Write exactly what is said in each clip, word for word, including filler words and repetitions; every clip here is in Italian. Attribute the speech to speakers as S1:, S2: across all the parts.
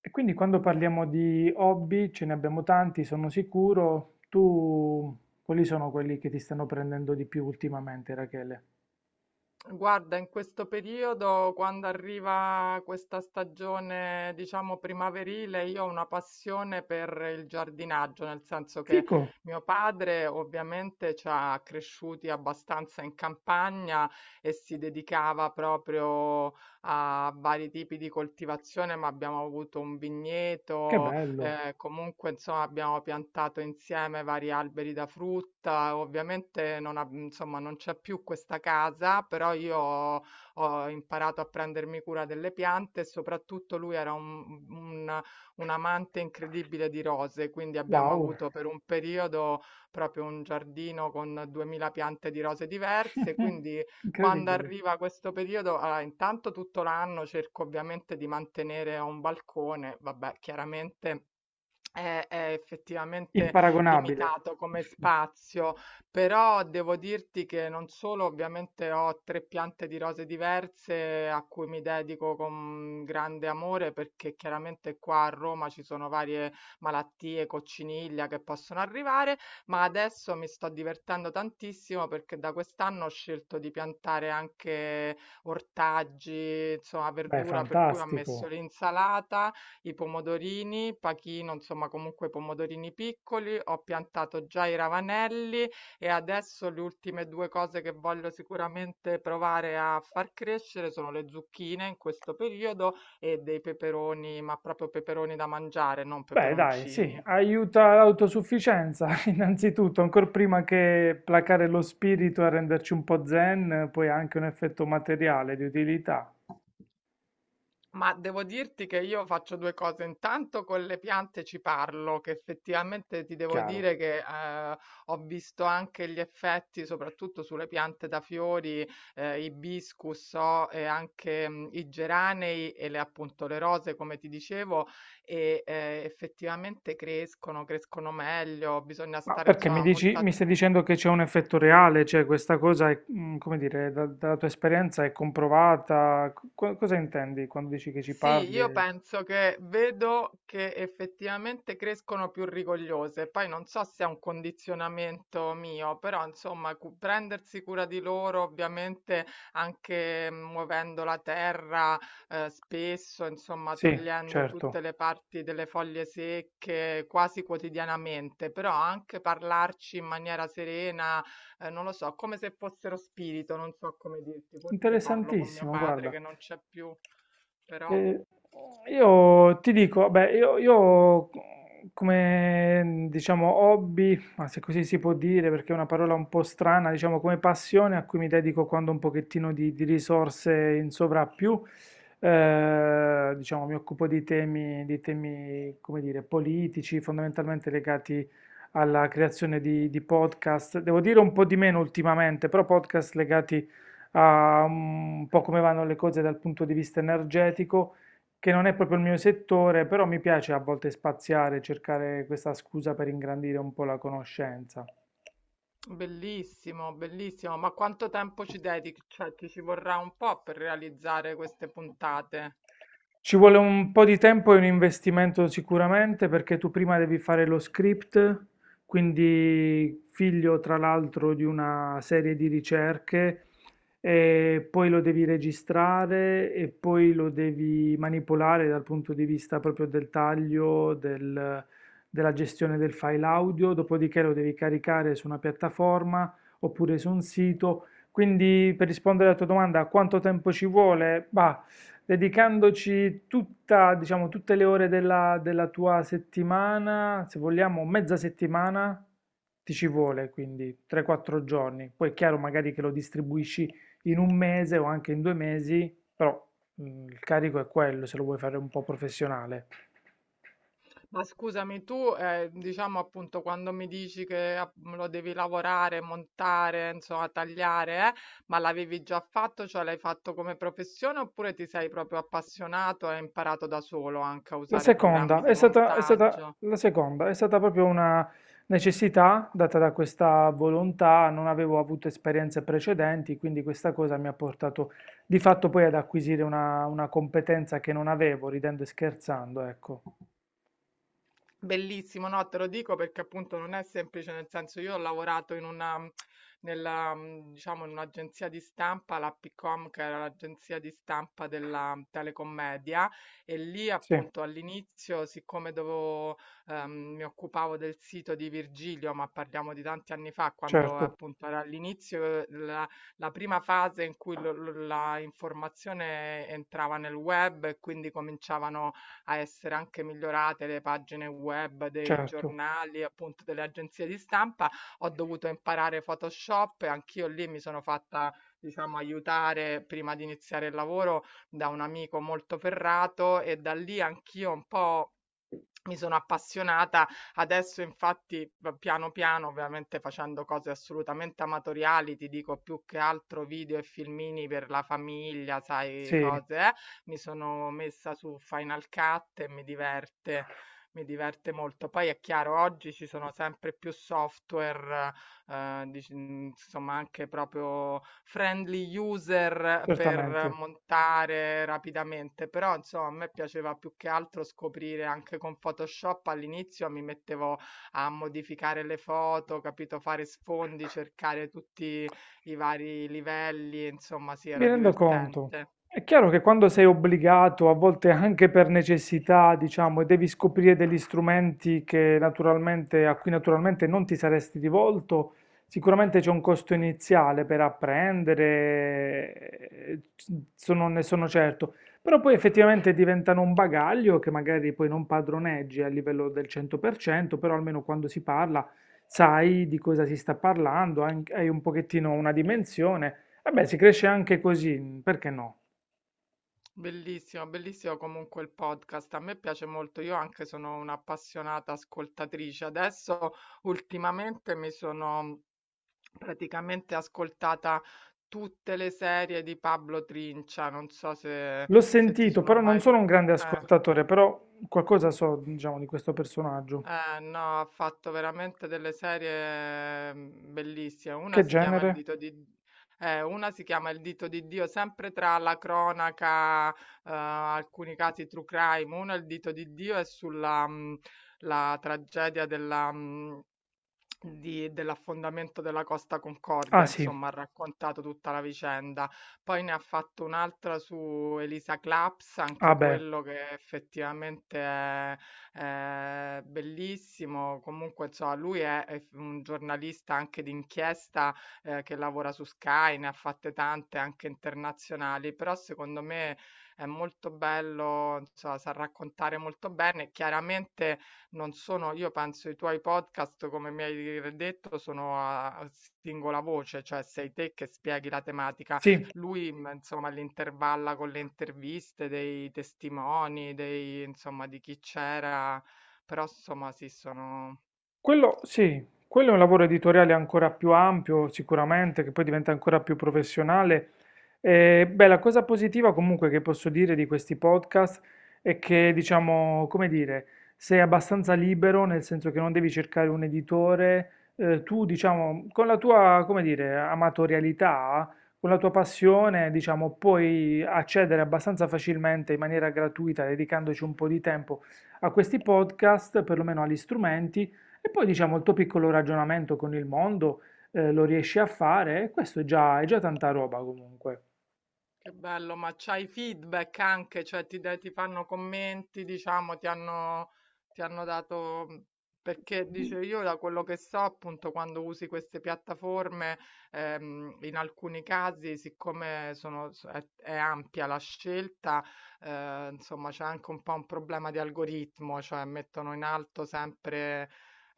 S1: E quindi quando parliamo di hobby, ce ne abbiamo tanti, sono sicuro. Tu, quali sono quelli che ti stanno prendendo di più ultimamente, Rachele?
S2: Guarda, in questo periodo, quando arriva questa stagione, diciamo primaverile, io ho una passione per il giardinaggio, nel senso che
S1: Fico,
S2: mio padre ovviamente ci ha cresciuti abbastanza in campagna e si dedicava proprio a vari tipi di coltivazione, ma abbiamo avuto un
S1: che
S2: vigneto.
S1: bello.
S2: Ehm, comunque insomma abbiamo piantato insieme vari alberi da frutta. Ovviamente non ab insomma non c'è più questa casa, però io ho ho imparato a prendermi cura delle piante, e soprattutto lui era un un un amante incredibile di rose, quindi abbiamo
S1: Wow.
S2: avuto per un periodo proprio un giardino con duemila piante di rose diverse. Quindi quando
S1: Incredibile.
S2: arriva questo periodo, allora intanto tutto l'anno cerco ovviamente di mantenere, ho un balcone, vabbè, chiaramente è è effettivamente
S1: Imparagonabile.
S2: limitato come spazio, però devo dirti che non solo ovviamente ho tre piante di rose diverse a cui mi dedico con grande amore, perché chiaramente qua a Roma ci sono varie malattie, cocciniglia, che possono arrivare, ma adesso mi sto divertendo tantissimo perché da quest'anno ho scelto di piantare anche ortaggi, insomma
S1: Beh,
S2: verdura, per cui ho
S1: fantastico.
S2: messo l'insalata, i pomodorini, pachino, insomma comunque pomodorini piccoli, ho piantato già i ravanelli, e adesso le ultime due cose che voglio sicuramente provare a far crescere sono le zucchine in questo periodo e dei peperoni, ma proprio peperoni da mangiare, non
S1: Beh, dai,
S2: peperoncini.
S1: sì, aiuta l'autosufficienza, innanzitutto, ancora prima che placare lo spirito e renderci un po' zen, poi ha anche un effetto materiale di utilità,
S2: Ma devo dirti che io faccio due cose. Intanto con le piante ci parlo, che effettivamente ti devo
S1: chiaro.
S2: dire che eh, ho visto anche gli effetti, soprattutto sulle piante da fiori, eh, ibiscus, so, e anche mm, i geranei e le, appunto, le rose, come ti dicevo, e eh, effettivamente crescono, crescono meglio, bisogna
S1: Ma
S2: stare
S1: perché mi
S2: insomma
S1: dici,
S2: molto.
S1: mi stai dicendo che c'è un effetto reale, cioè questa cosa è, mm, come dire, da- dalla tua esperienza è comprovata? Co- cosa intendi quando dici che ci
S2: Sì, io
S1: parli?
S2: penso che vedo che effettivamente crescono più rigogliose. Poi non so se è un condizionamento mio, però insomma, cu- prendersi cura di loro, ovviamente anche, mm, muovendo la terra eh, spesso, insomma,
S1: Sì,
S2: togliendo
S1: certo.
S2: tutte le parti delle foglie secche quasi quotidianamente, però anche parlarci in maniera serena, eh, non lo so, come se fossero spirito, non so come dirti, forse parlo con mio
S1: Interessantissimo,
S2: padre
S1: guarda.
S2: che non c'è più, però
S1: Eh, io ti dico, beh, io, io come diciamo hobby, ma se così si può dire perché è una parola un po' strana, diciamo come passione a cui mi dedico quando ho un pochettino di, di risorse in sovrappiù, eh, diciamo mi occupo di temi, di temi, come dire, politici, fondamentalmente legati alla creazione di, di podcast. Devo dire un po' di meno ultimamente, però podcast legati a mm, un po' come vanno le cose dal punto di vista energetico, che non è proprio il mio settore, però mi piace a volte spaziare, cercare questa scusa per ingrandire un po' la conoscenza.
S2: bellissimo, bellissimo, ma quanto tempo ci dedichi? Cioè, ti ci vorrà un po' per realizzare queste puntate.
S1: Ci vuole un po' di tempo e un investimento sicuramente perché tu prima devi fare lo script, quindi figlio tra l'altro di una serie di ricerche, e poi lo devi registrare e poi lo devi manipolare dal punto di vista proprio del taglio, del- della gestione del file audio, dopodiché lo devi caricare su una piattaforma oppure su un sito. Quindi per rispondere alla tua domanda, quanto tempo ci vuole? Bah, dedicandoci tutta, diciamo, tutte le ore della, della tua settimana, se vogliamo mezza settimana, ti ci vuole, quindi tre quattro giorni. Poi è chiaro magari che lo distribuisci in un mese o anche in due mesi, però mm, il carico è quello, se lo vuoi fare un po' professionale.
S2: Ma scusami, tu, eh, diciamo appunto, quando mi dici che app- lo devi lavorare, montare, insomma, tagliare, eh, ma l'avevi già fatto, cioè l'hai fatto come professione, oppure ti sei proprio appassionato e hai imparato da solo anche a
S1: La
S2: usare
S1: seconda
S2: programmi
S1: è
S2: di
S1: stata, è stata,
S2: montaggio?
S1: la seconda è stata proprio una necessità data da questa volontà, non avevo avuto esperienze precedenti, quindi questa cosa mi ha portato di fatto poi ad acquisire una, una competenza che non avevo, ridendo e scherzando, ecco.
S2: Bellissimo, no, te lo dico perché appunto non è semplice, nel senso, io ho lavorato in una, mhmm, nella, mm, diciamo, in un'agenzia di stampa, la Picom, che era l'agenzia di stampa della mhmm, Telecommedia, e lì
S1: Sì,
S2: appunto all'inizio, siccome dovevo, ehm, mi occupavo del sito di Virgilio, ma parliamo di tanti anni fa, quando
S1: certo,
S2: appunto era all'inizio, eh, la, la prima fase in cui lo- lo- la informazione entrava nel web, e quindi cominciavano a essere anche migliorate le pagine web dei
S1: certo,
S2: giornali, appunto delle agenzie di stampa. Ho dovuto imparare Photoshop e anch'io lì mi sono fatta, diciamo, aiutare prima di iniziare il lavoro da un amico molto ferrato, e da lì anch'io un po' mi sono appassionata. Adesso infatti v piano, piano, ovviamente facendo cose assolutamente amatoriali, ti dico, più che altro video e filmini per la famiglia, sai,
S1: sì,
S2: cose, eh, mi sono messa su Final Cut e mi diverte mi diverte molto. Poi è chiaro, oggi ci sono sempre più software. Ehm, dic mhmm, insomma, anche proprio friendly user per
S1: certamente.
S2: montare rapidamente, però insomma a me piaceva più che altro scoprire. Anche con Photoshop all'inizio mi mettevo a modificare le foto, capito, fare sfondi, cercare tutti i vari livelli, insomma sì,
S1: Mi
S2: era
S1: rendo conto.
S2: divertente.
S1: È chiaro che quando sei obbligato, a volte anche per necessità, diciamo, e devi scoprire degli strumenti che naturalmente, a cui naturalmente non ti saresti rivolto, sicuramente c'è un costo iniziale per apprendere, eh, sono- ne sono certo. Però poi effettivamente diventano un bagaglio che magari poi non padroneggi a livello del cento per cento, però almeno quando si parla sai di cosa si sta parlando, anche- hai un pochettino una dimensione. Vabbè, si cresce anche così, perché no?
S2: Bellissimo, bellissimo comunque il podcast. A me piace molto, io anche sono un'appassionata ascoltatrice. Adesso ultimamente mi sono praticamente ascoltata tutte le serie di Pablo Trincia, non so se,
S1: L'ho
S2: se ti
S1: sentito,
S2: sono
S1: però
S2: mai...
S1: non sono un grande
S2: Eh,
S1: ascoltatore, però qualcosa so, diciamo, di questo personaggio.
S2: eh, no, ha fatto veramente delle serie mm, bellissime. Una
S1: Che
S2: si chiama Il
S1: genere?
S2: dito di... eh, una si chiama Il dito di Dio, sempre tra la cronaca, eh, alcuni casi true crime. Una, Il dito di Dio, è sulla, mm, la tragedia della... mm, di- dell'affondamento della Costa
S1: Ah
S2: Concordia,
S1: sì,
S2: insomma, ha raccontato tutta la vicenda. Poi ne ha fatto un'altra su Elisa Claps,
S1: ah
S2: anche
S1: beh,
S2: quello che effettivamente è, è bellissimo. Comunque, insomma, lui è, è un giornalista anche d'inchiesta, eh, che lavora su Sky, ne ha fatte tante anche internazionali, però secondo me è molto bello, insomma, sa raccontare molto bene. Chiaramente non sono, io penso, i tuoi podcast, come mi hai detto, sono a a singola voce, cioè sei te che spieghi la tematica.
S1: sì.
S2: Lui, mh, insomma, l'intervalla con le interviste dei testimoni, dei, insomma, di chi c'era, però, insomma, sì, sono...
S1: Quello sì, quello è un lavoro editoriale ancora più ampio, sicuramente, che poi diventa ancora più professionale. E, beh, la cosa positiva comunque che posso dire di questi podcast è che, diciamo, come dire, sei abbastanza libero, nel senso che non devi cercare un editore, eh, tu, diciamo, con la tua, come dire, amatorialità, con la tua passione, diciamo, puoi accedere abbastanza facilmente in maniera gratuita, dedicandoci un po' di tempo a questi podcast, perlomeno agli strumenti e poi diciamo il tuo piccolo ragionamento con il mondo eh, lo riesci a fare e questo è già, è già tanta roba comunque.
S2: Che bello, ma c'hai feedback anche, cioè ti, dai- ti fanno commenti, diciamo, ti hanno, ti hanno dato, mhmm, perché dice, io da quello che so, appunto, quando usi queste piattaforme, ehm, in alcuni casi, siccome sono, s- è, è ampia la scelta, eh, insomma, c'è anche un po' un problema di algoritmo, cioè mettono in alto sempre,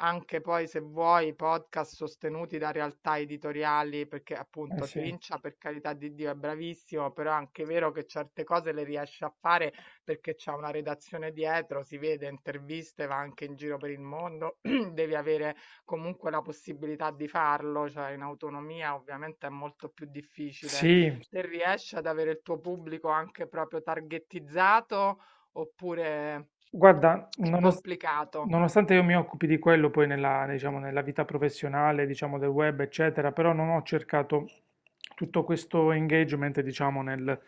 S2: anche poi se vuoi, podcast sostenuti da realtà editoriali, perché
S1: Eh
S2: appunto
S1: sì,
S2: Trincia, per carità di Dio, è bravissimo, però è anche vero che certe cose le riesce a fare perché c'è una redazione dietro, si vede, interviste, va anche in giro per il mondo, devi avere comunque la possibilità di farlo, cioè in autonomia ovviamente è molto più difficile.
S1: sì.
S2: Te riesci ad avere il tuo pubblico anche proprio targettizzato, oppure
S1: Guarda,
S2: è
S1: nonost-
S2: complicato?
S1: nonostante io mi occupi di quello poi nella, diciamo, nella vita professionale, diciamo, del web, eccetera, però non ho cercato tutto questo engagement, diciamo, nel-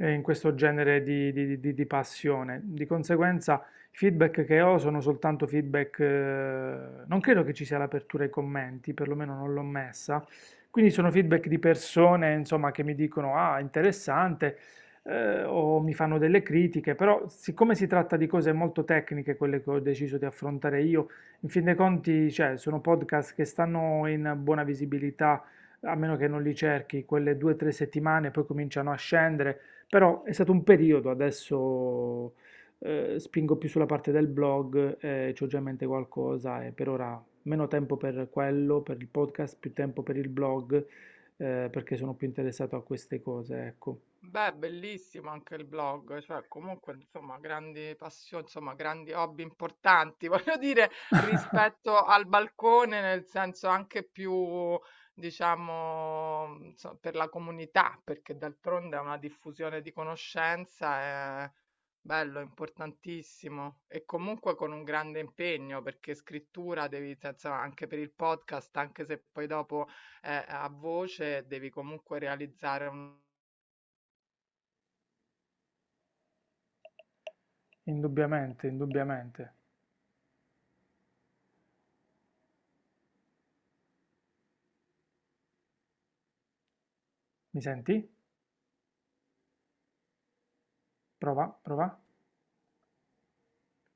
S1: eh, in questo genere di, di- di- di passione. Di conseguenza, i feedback che ho sono soltanto feedback, eh, non credo che ci sia l'apertura ai commenti, perlomeno non l'ho messa. Quindi sono feedback di persone, insomma, che mi dicono, ah, interessante eh, o mi fanno delle critiche, però siccome si tratta di cose molto tecniche, quelle che ho deciso di affrontare io, in fin dei conti, cioè, sono podcast che stanno in buona visibilità, a meno che non li cerchi, quelle due o tre settimane, poi cominciano a scendere, però è stato un periodo, adesso eh, spingo più sulla parte del blog, eh, c'ho già in mente qualcosa e per ora meno tempo per quello, per il podcast, più tempo per il blog, eh, perché sono più interessato a queste cose, ecco.
S2: Beh, bellissimo anche il blog, cioè comunque insomma grandi passioni, insomma grandi hobby importanti, voglio dire, rispetto al balcone, nel senso anche più, diciamo, insomma, per la comunità, perché d'altronde è una diffusione di conoscenza, è bello, importantissimo, e comunque con un grande impegno, perché scrittura devi, cioè, insomma, anche per il podcast, anche se poi dopo è a voce, devi comunque realizzare un
S1: Indubbiamente, indubbiamente. Mi senti? Prova, prova.